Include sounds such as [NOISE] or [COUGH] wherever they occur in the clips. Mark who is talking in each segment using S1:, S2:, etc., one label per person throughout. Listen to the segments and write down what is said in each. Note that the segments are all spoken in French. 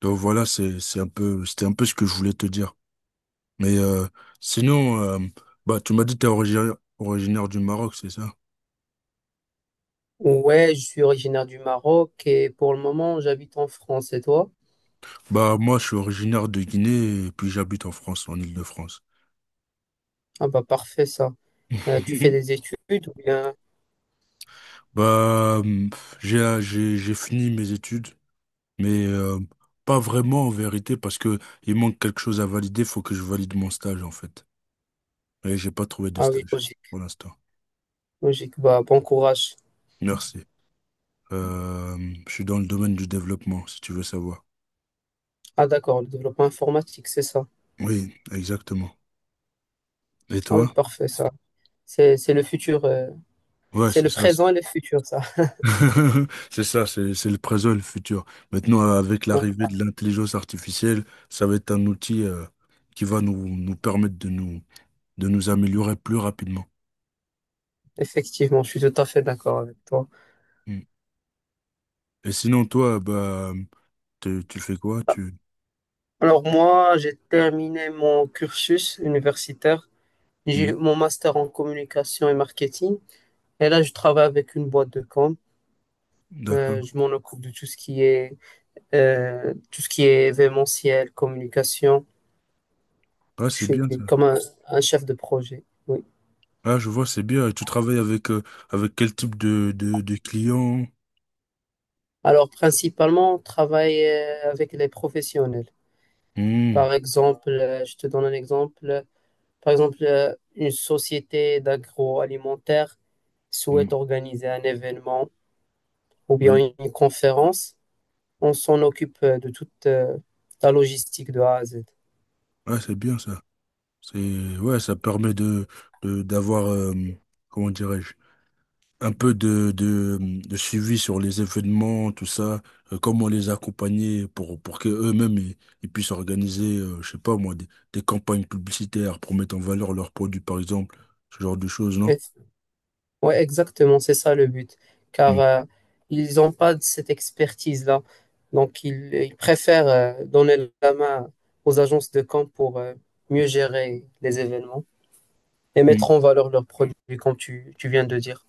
S1: Donc voilà, c'est un peu c'était un peu ce que je voulais te dire. Mais sinon, bah tu m'as dit que t'es originaire du Maroc, c'est ça?
S2: Ouais, je suis originaire du Maroc et pour le moment, j'habite en France. Et toi?
S1: Bah moi je suis originaire de Guinée et puis j'habite en France, en Île-de-France.
S2: Ah bah parfait ça. Tu fais des
S1: [LAUGHS]
S2: études ou bien...
S1: Bah j'ai fini mes études, mais pas vraiment en vérité parce que il manque quelque chose à valider, faut que je valide mon stage en fait. Et j'ai pas trouvé de
S2: Ah oui,
S1: stage pour
S2: logique,
S1: l'instant.
S2: logique. Bah bon courage.
S1: Merci. Euh, je suis dans le domaine du développement, si tu veux savoir.
S2: Ah d'accord, le développement informatique, c'est ça.
S1: Oui, exactement. Et
S2: Ah oui,
S1: toi?
S2: parfait ça. C'est le futur,
S1: Ouais,
S2: c'est
S1: c'est
S2: le
S1: ça. C'est
S2: présent et le futur ça.
S1: [LAUGHS] c'est ça, c'est le présent, le futur. Maintenant, avec
S2: [LAUGHS] Hein.
S1: l'arrivée de l'intelligence artificielle, ça va être un outil qui va nous permettre de nous améliorer plus rapidement.
S2: Effectivement, je suis tout à fait d'accord avec toi.
S1: Mm. Et sinon, toi, bah, tu fais quoi? Tu...
S2: Alors moi, j'ai terminé mon cursus universitaire. J'ai eu
S1: Mm.
S2: mon master en communication et marketing. Et là, je travaille avec une boîte de com.
S1: D'accord.
S2: Je m'en occupe de tout ce qui est tout ce qui est événementiel, communication.
S1: Ah,
S2: Je
S1: c'est
S2: suis
S1: bien ça.
S2: comme un chef de projet. Oui.
S1: Ah, je vois, c'est bien. Et tu travailles avec, avec quel type de clients?
S2: Alors principalement, on travaille avec les professionnels.
S1: Mm.
S2: Par exemple, je te donne un exemple. Par exemple, une société d'agroalimentaire
S1: Mm.
S2: souhaite organiser un événement ou bien
S1: Oui.
S2: une conférence. On s'en occupe de toute la logistique de A à Z.
S1: Ah, c'est bien ça. C'est, ouais, ça permet d'avoir, comment dirais-je? Un peu de suivi sur les événements, tout ça, comment les accompagner pour que eux-mêmes ils puissent organiser, je sais pas moi, des campagnes publicitaires pour mettre en valeur leurs produits, par exemple, ce genre de choses, non?
S2: Ouais, exactement, c'est ça le but. Car
S1: Mm.
S2: ils n'ont pas de cette expertise-là. Donc, ils préfèrent donner la main aux agences de camp pour mieux gérer les événements et
S1: Mm.
S2: mettre en valeur leurs produits, comme tu viens de dire.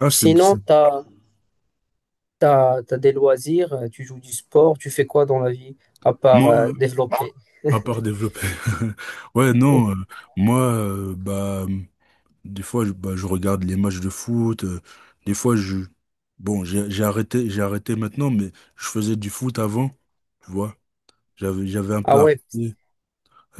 S1: Ah,
S2: Sinon, tu as, des loisirs, tu joues du sport, tu fais quoi dans la vie à part
S1: moi,
S2: développer?
S1: à part développer, [LAUGHS] ouais, non, moi, bah, des fois, je, bah, je regarde les matchs de foot, des fois, je, bon, j'ai arrêté maintenant, mais je faisais du foot avant. Tu vois, j'avais un
S2: Ah
S1: peu
S2: ouais,
S1: arrêté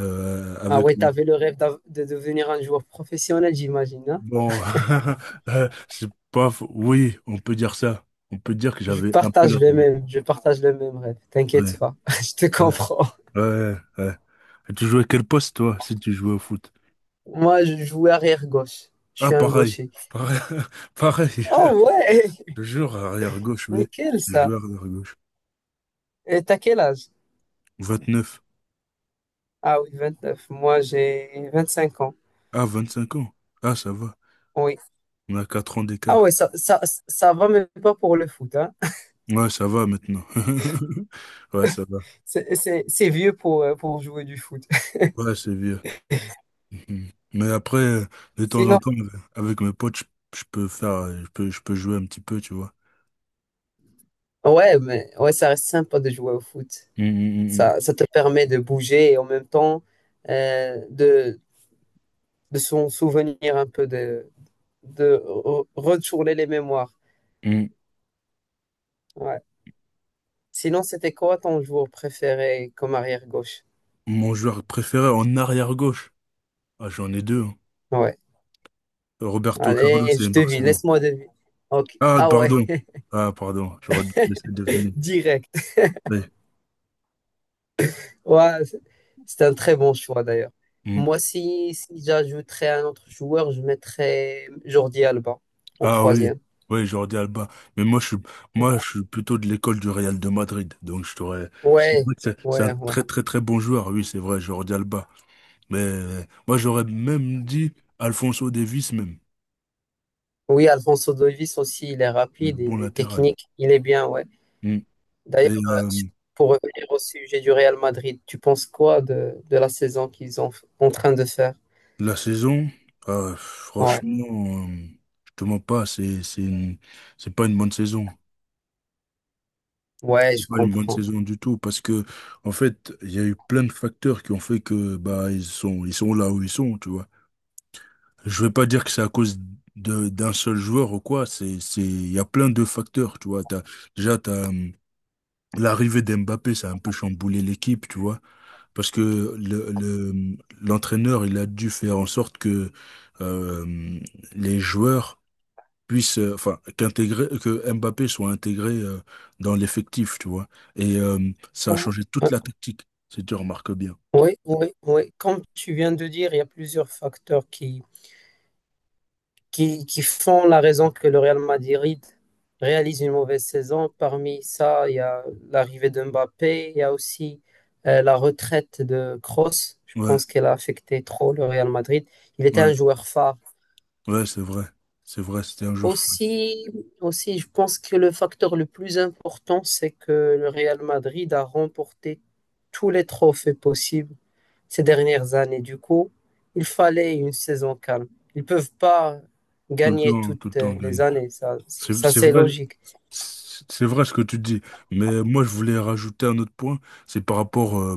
S2: ah
S1: avec
S2: ouais,
S1: le...
S2: t'avais le rêve de devenir un joueur professionnel, j'imagine, hein.
S1: Bon, [LAUGHS] c'est pas... faux. Oui, on peut dire ça. On peut dire que
S2: Je
S1: j'avais un peu
S2: partage
S1: la...
S2: le même, je partage le même rêve. T'inquiète
S1: Ouais,
S2: pas, [LAUGHS] je te
S1: ouais,
S2: comprends.
S1: ouais. Et tu jouais quel poste, toi, si tu jouais au foot?
S2: Moi, je jouais arrière gauche. Je
S1: Ah,
S2: suis un
S1: pareil.
S2: gaucher.
S1: Pareil. [LAUGHS] Pareil.
S2: Oh ouais,
S1: Toujours arrière-gauche,
S2: [LAUGHS]
S1: oui.
S2: nickel
S1: Je
S2: ça.
S1: jouais arrière-gauche.
S2: Et t'as quel âge?
S1: 29.
S2: Ah oui, 29. Moi, j'ai 25 ans.
S1: Ah, 25 ans. Ah, ça va.
S2: Oui.
S1: On a 4 ans
S2: Ah
S1: d'écart.
S2: ouais, ça va même pas pour le foot, hein.
S1: Ouais, ça va maintenant. [LAUGHS] Ouais, ça va.
S2: C'est vieux pour jouer du foot.
S1: Ouais, c'est vieux. Mm. Mais après, de
S2: [LAUGHS]
S1: temps en
S2: Sinon,
S1: temps, avec mes potes, je peux faire, je peux jouer un petit peu, tu vois.
S2: ouais, mais ouais, ça reste sympa de jouer au foot.
S1: Mm,
S2: Ça te permet de bouger et en même temps euh, de, de s'en souvenir un peu, de, retourner les mémoires.
S1: mm.
S2: Ouais. Sinon, c'était quoi ton joueur préféré comme arrière-gauche?
S1: Mon joueur préféré en arrière-gauche. Ah, j'en ai deux, hein.
S2: Ouais.
S1: Roberto Carlos
S2: Allez,
S1: et
S2: je devine,
S1: Marcelo.
S2: laisse-moi deviner. Ok.
S1: Ah,
S2: Ah ouais,
S1: pardon. Ah, pardon. J'aurais dû te laisser deviner.
S2: [LAUGHS] direct.
S1: Oui.
S2: Ouais, c'est un très bon choix d'ailleurs.
S1: Mm.
S2: Moi, si, si j'ajouterais un autre joueur, je mettrais Jordi Alba en
S1: Ah oui.
S2: troisième.
S1: Oui, Jordi Alba. Mais moi, je suis, moi, je suis plutôt de l'école du Real de Madrid. Donc, je t'aurais, je sais
S2: Ouais,
S1: pas que c'est un
S2: ouais, ouais.
S1: très, très, très bon joueur. Oui, c'est vrai, Jordi Alba. Mais moi, j'aurais même dit Alfonso Davies même.
S2: Oui, Alfonso Davies aussi, il est
S1: Un
S2: rapide,
S1: bon
S2: il est
S1: latéral.
S2: technique, il est bien, ouais.
S1: Mm. Et
S2: D'ailleurs, euh, pour revenir au sujet du Real Madrid, tu penses quoi de la saison qu'ils ont en train de faire?
S1: la saison,
S2: Ouais,
S1: franchement, je te mens pas, c'est pas une bonne saison.
S2: ouais,
S1: C'est
S2: je
S1: pas une bonne
S2: comprends.
S1: saison du tout parce que, en fait, il y a eu plein de facteurs qui ont fait que, bah, ils sont là où ils sont, tu vois. Je vais pas dire que c'est à cause de, d'un seul joueur ou quoi, il y a plein de facteurs, tu vois. T'as, déjà, t'as, l'arrivée d'Mbappé, ça a un peu chamboulé l'équipe, tu vois. Parce que le, l'entraîneur, il a dû faire en sorte que euh, les joueurs puissent, enfin, que Mbappé soit intégré dans l'effectif, tu vois. Et ça a
S2: Ouais.
S1: changé toute la tactique, si tu remarques bien.
S2: Oui, oui, oui. Comme tu viens de dire, il y a plusieurs facteurs qui font la raison que le Real Madrid réalise une mauvaise saison. Parmi ça, il y a l'arrivée de Mbappé, il y a aussi la retraite de Kroos. Je
S1: Ouais,
S2: pense qu'elle a affecté trop le Real Madrid. Il était un
S1: ouais,
S2: joueur phare.
S1: ouais, c'est vrai. C'est vrai, c'était un joueur fou.
S2: Aussi, aussi, je pense que le facteur le plus important, c'est que le Real Madrid a remporté tous les trophées possibles ces dernières années. Du coup, il fallait une saison calme. Ils ne peuvent pas gagner
S1: Tout le
S2: toutes
S1: temps
S2: les
S1: gagné.
S2: années. Ça, ça
S1: C'est
S2: c'est
S1: vrai,
S2: logique.
S1: c'est c'est vrai ce que tu dis. Mais moi, je voulais rajouter un autre point, c'est par rapport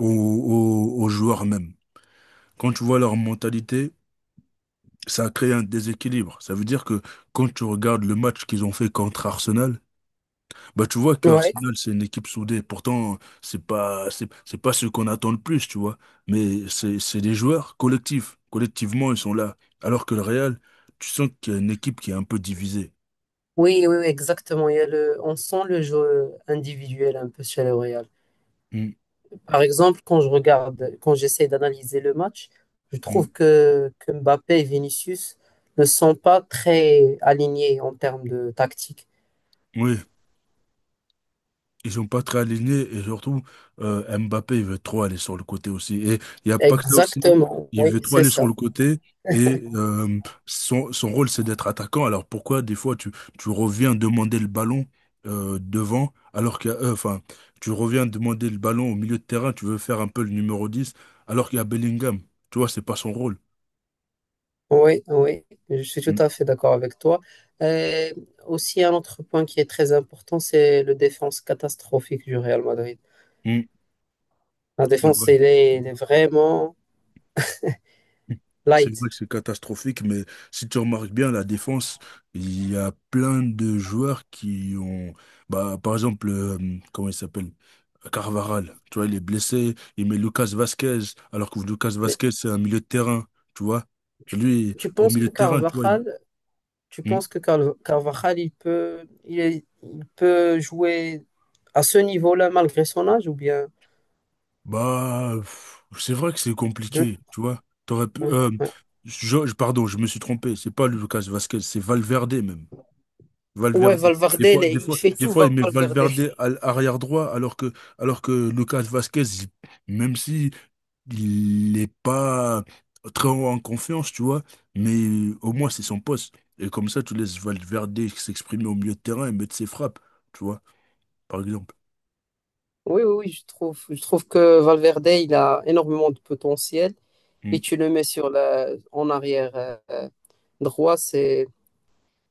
S1: aux joueurs même. Quand tu vois leur mentalité, ça a créé un déséquilibre. Ça veut dire que quand tu regardes le match qu'ils ont fait contre Arsenal, bah tu vois que
S2: Ouais.
S1: Arsenal c'est une équipe soudée. Pourtant, c'est pas ce qu'on attend le plus, tu vois. Mais c'est des joueurs collectifs. Collectivement, ils sont là. Alors que le Real, tu sens qu'il y a une équipe qui est un peu divisée.
S2: Oui, oui, oui, exactement. Il y a le, on sent le jeu individuel un peu chez le Real.
S1: Mm,
S2: Par exemple, quand je regarde, quand j'essaie d'analyser le match, je
S1: mm.
S2: trouve que Mbappé et Vinicius ne sont pas très alignés en termes de tactique.
S1: Oui. Ils sont pas très alignés et surtout Mbappé il veut trop aller sur le côté aussi et il y a pas que ça aussi
S2: Exactement,
S1: il
S2: oui,
S1: veut trop
S2: c'est
S1: aller sur
S2: ça.
S1: le côté et son, son rôle c'est d'être attaquant alors pourquoi des fois tu, tu reviens demander le ballon devant alors qu'il y a enfin tu reviens demander le ballon au milieu de terrain tu veux faire un peu le numéro 10 alors qu'il y a Bellingham tu vois c'est pas son rôle.
S2: Oui, oui, je suis tout
S1: Mm,
S2: à fait d'accord avec toi. Euh, Aussi, un autre point qui est très important, c'est le défense catastrophique du Real Madrid.
S1: mm,
S2: La
S1: c'est vrai.
S2: défense, elle est vraiment
S1: C'est vrai
S2: light.
S1: que c'est catastrophique, mais si tu remarques bien la défense, il y a plein de joueurs qui ont, bah, par exemple, comment il s'appelle? Carvaral, tu vois, il est blessé, il met Lucas Vasquez, alors que Lucas
S2: Mais
S1: Vasquez, c'est un milieu de terrain, tu vois.
S2: tu,
S1: Lui,
S2: tu
S1: au
S2: penses
S1: milieu
S2: que
S1: de terrain, tu vois,
S2: Carvajal, tu
S1: Hmm.
S2: penses que Carvajal, il peut, il est- il peut jouer à ce niveau-là malgré son âge ou bien?
S1: Bah, pff, c'est vrai que c'est
S2: je-
S1: compliqué, tu vois. T'aurais pu,
S2: oui, oui.
S1: pardon, je me suis trompé, c'est pas Lucas Vasquez, c'est Valverde même.
S2: Ouais,
S1: Valverde.
S2: Valverde, il est- il fait
S1: Des
S2: tout
S1: fois, il met
S2: Valverde.
S1: Valverde à l'arrière droit, alors que Lucas Vasquez, même si il n'est pas très en confiance, tu vois, mais au moins c'est son poste. Et comme ça, tu laisses Valverde s'exprimer au milieu de terrain et mettre ses frappes, tu vois, par exemple.
S2: Oui, oui, oui, je trouve que Valverde, il a énormément de potentiel. Et
S1: Mm,
S2: tu le mets sur la, en arrière euh, droit,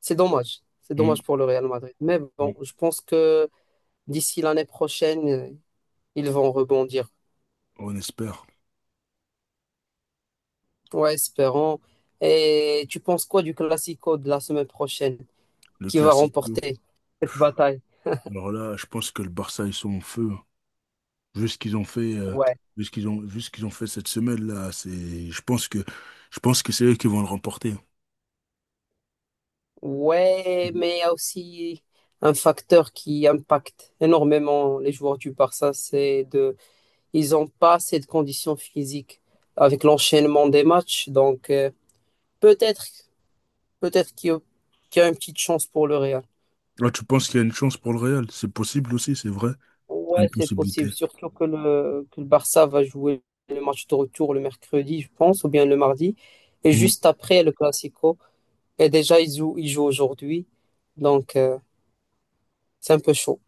S2: c'est dommage. C'est
S1: mm,
S2: dommage pour le Real Madrid. Mais bon,
S1: mm.
S2: je pense que d'ici l'année prochaine, ils vont rebondir.
S1: On espère.
S2: Ouais, espérons. Et tu penses quoi du Classico de la semaine prochaine?
S1: Le
S2: Qui va
S1: classique.
S2: remporter cette bataille?
S1: Alors là, je pense que le Barça, ils sont en feu, hein. Vu ce qu'ils ont fait,
S2: Ouais.
S1: vu ce qu'ils ont fait cette semaine-là, c'est, je pense que c'est eux qui vont le remporter.
S2: Ouais,
S1: Mhm.
S2: mais il y a aussi un facteur qui impacte énormément les joueurs du Barça, c'est de, ils n'ont pas assez de conditions physiques avec l'enchaînement des matchs. Donc, peut-être, peut-être qu'il y a une petite chance pour le Real.
S1: Là, tu penses qu'il y a une chance pour le Real? C'est possible aussi, c'est vrai. C'est une
S2: Ouais, c'est
S1: possibilité.
S2: possible. Surtout que le Barça va jouer le match de retour le mercredi, je pense, ou bien le mardi. Et juste après le Classico. Et déjà, ils jouent aujourd'hui. Donc, c'est un peu chaud.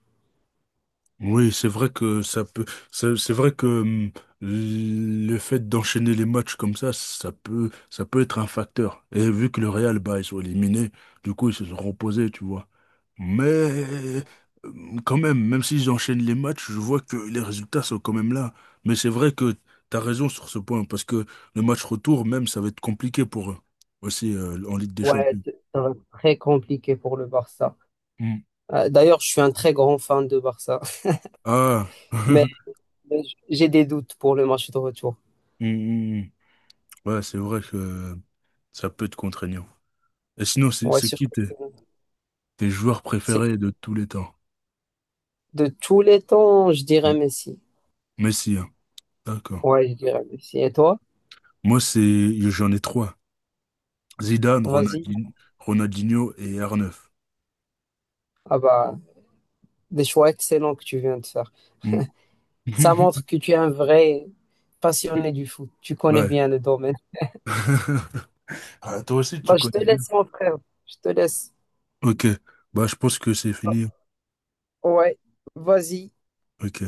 S1: Oui, c'est vrai que ça peut, c'est vrai que le fait d'enchaîner les matchs comme ça, ça peut être un facteur. Et vu que le Real, bah, ils sont éliminés, du coup, ils se sont reposés, tu vois. Mais quand même, même s'ils enchaînent les matchs, je vois que les résultats sont quand même là. Mais c'est vrai que t'as raison sur ce point, parce que le match retour, même, ça va être compliqué pour eux, aussi, en Ligue des
S2: Ouais,
S1: Champions.
S2: ça va être très compliqué pour le Barça.
S1: Hum.
S2: D'ailleurs, je suis un très grand fan de Barça. [LAUGHS]
S1: Ah, [LAUGHS]
S2: Mais,
S1: Hum,
S2: mais j'ai des doutes pour le match de retour.
S1: hum. Ouais, c'est vrai que ça peut être contraignant. Et sinon, c'est
S2: Ouais,
S1: c'est
S2: surtout.
S1: qui tes, tes joueurs
S2: C'est
S1: préférés de tous les temps?
S2: de tous les temps, je dirais
S1: Mm.
S2: Messi.
S1: Messi, hein. D'accord.
S2: Ouais, je dirais Messi. Et toi?
S1: Moi, c'est, j'en ai trois. Zidane,
S2: Vas-y.
S1: Ronaldinho et R9.
S2: Ah bah, des choix excellents que tu viens de faire.
S1: Mm.
S2: Ça montre
S1: [LAUGHS]
S2: que tu es un vrai passionné du foot. Tu connais
S1: Ouais.
S2: bien le domaine.
S1: [LAUGHS] Ah, toi aussi, tu
S2: Bah, je te
S1: connais bien.
S2: laisse, mon frère. Je te laisse.
S1: Ok. Bah, je pense que c'est fini.
S2: Ouais. Vas-y.
S1: Ok.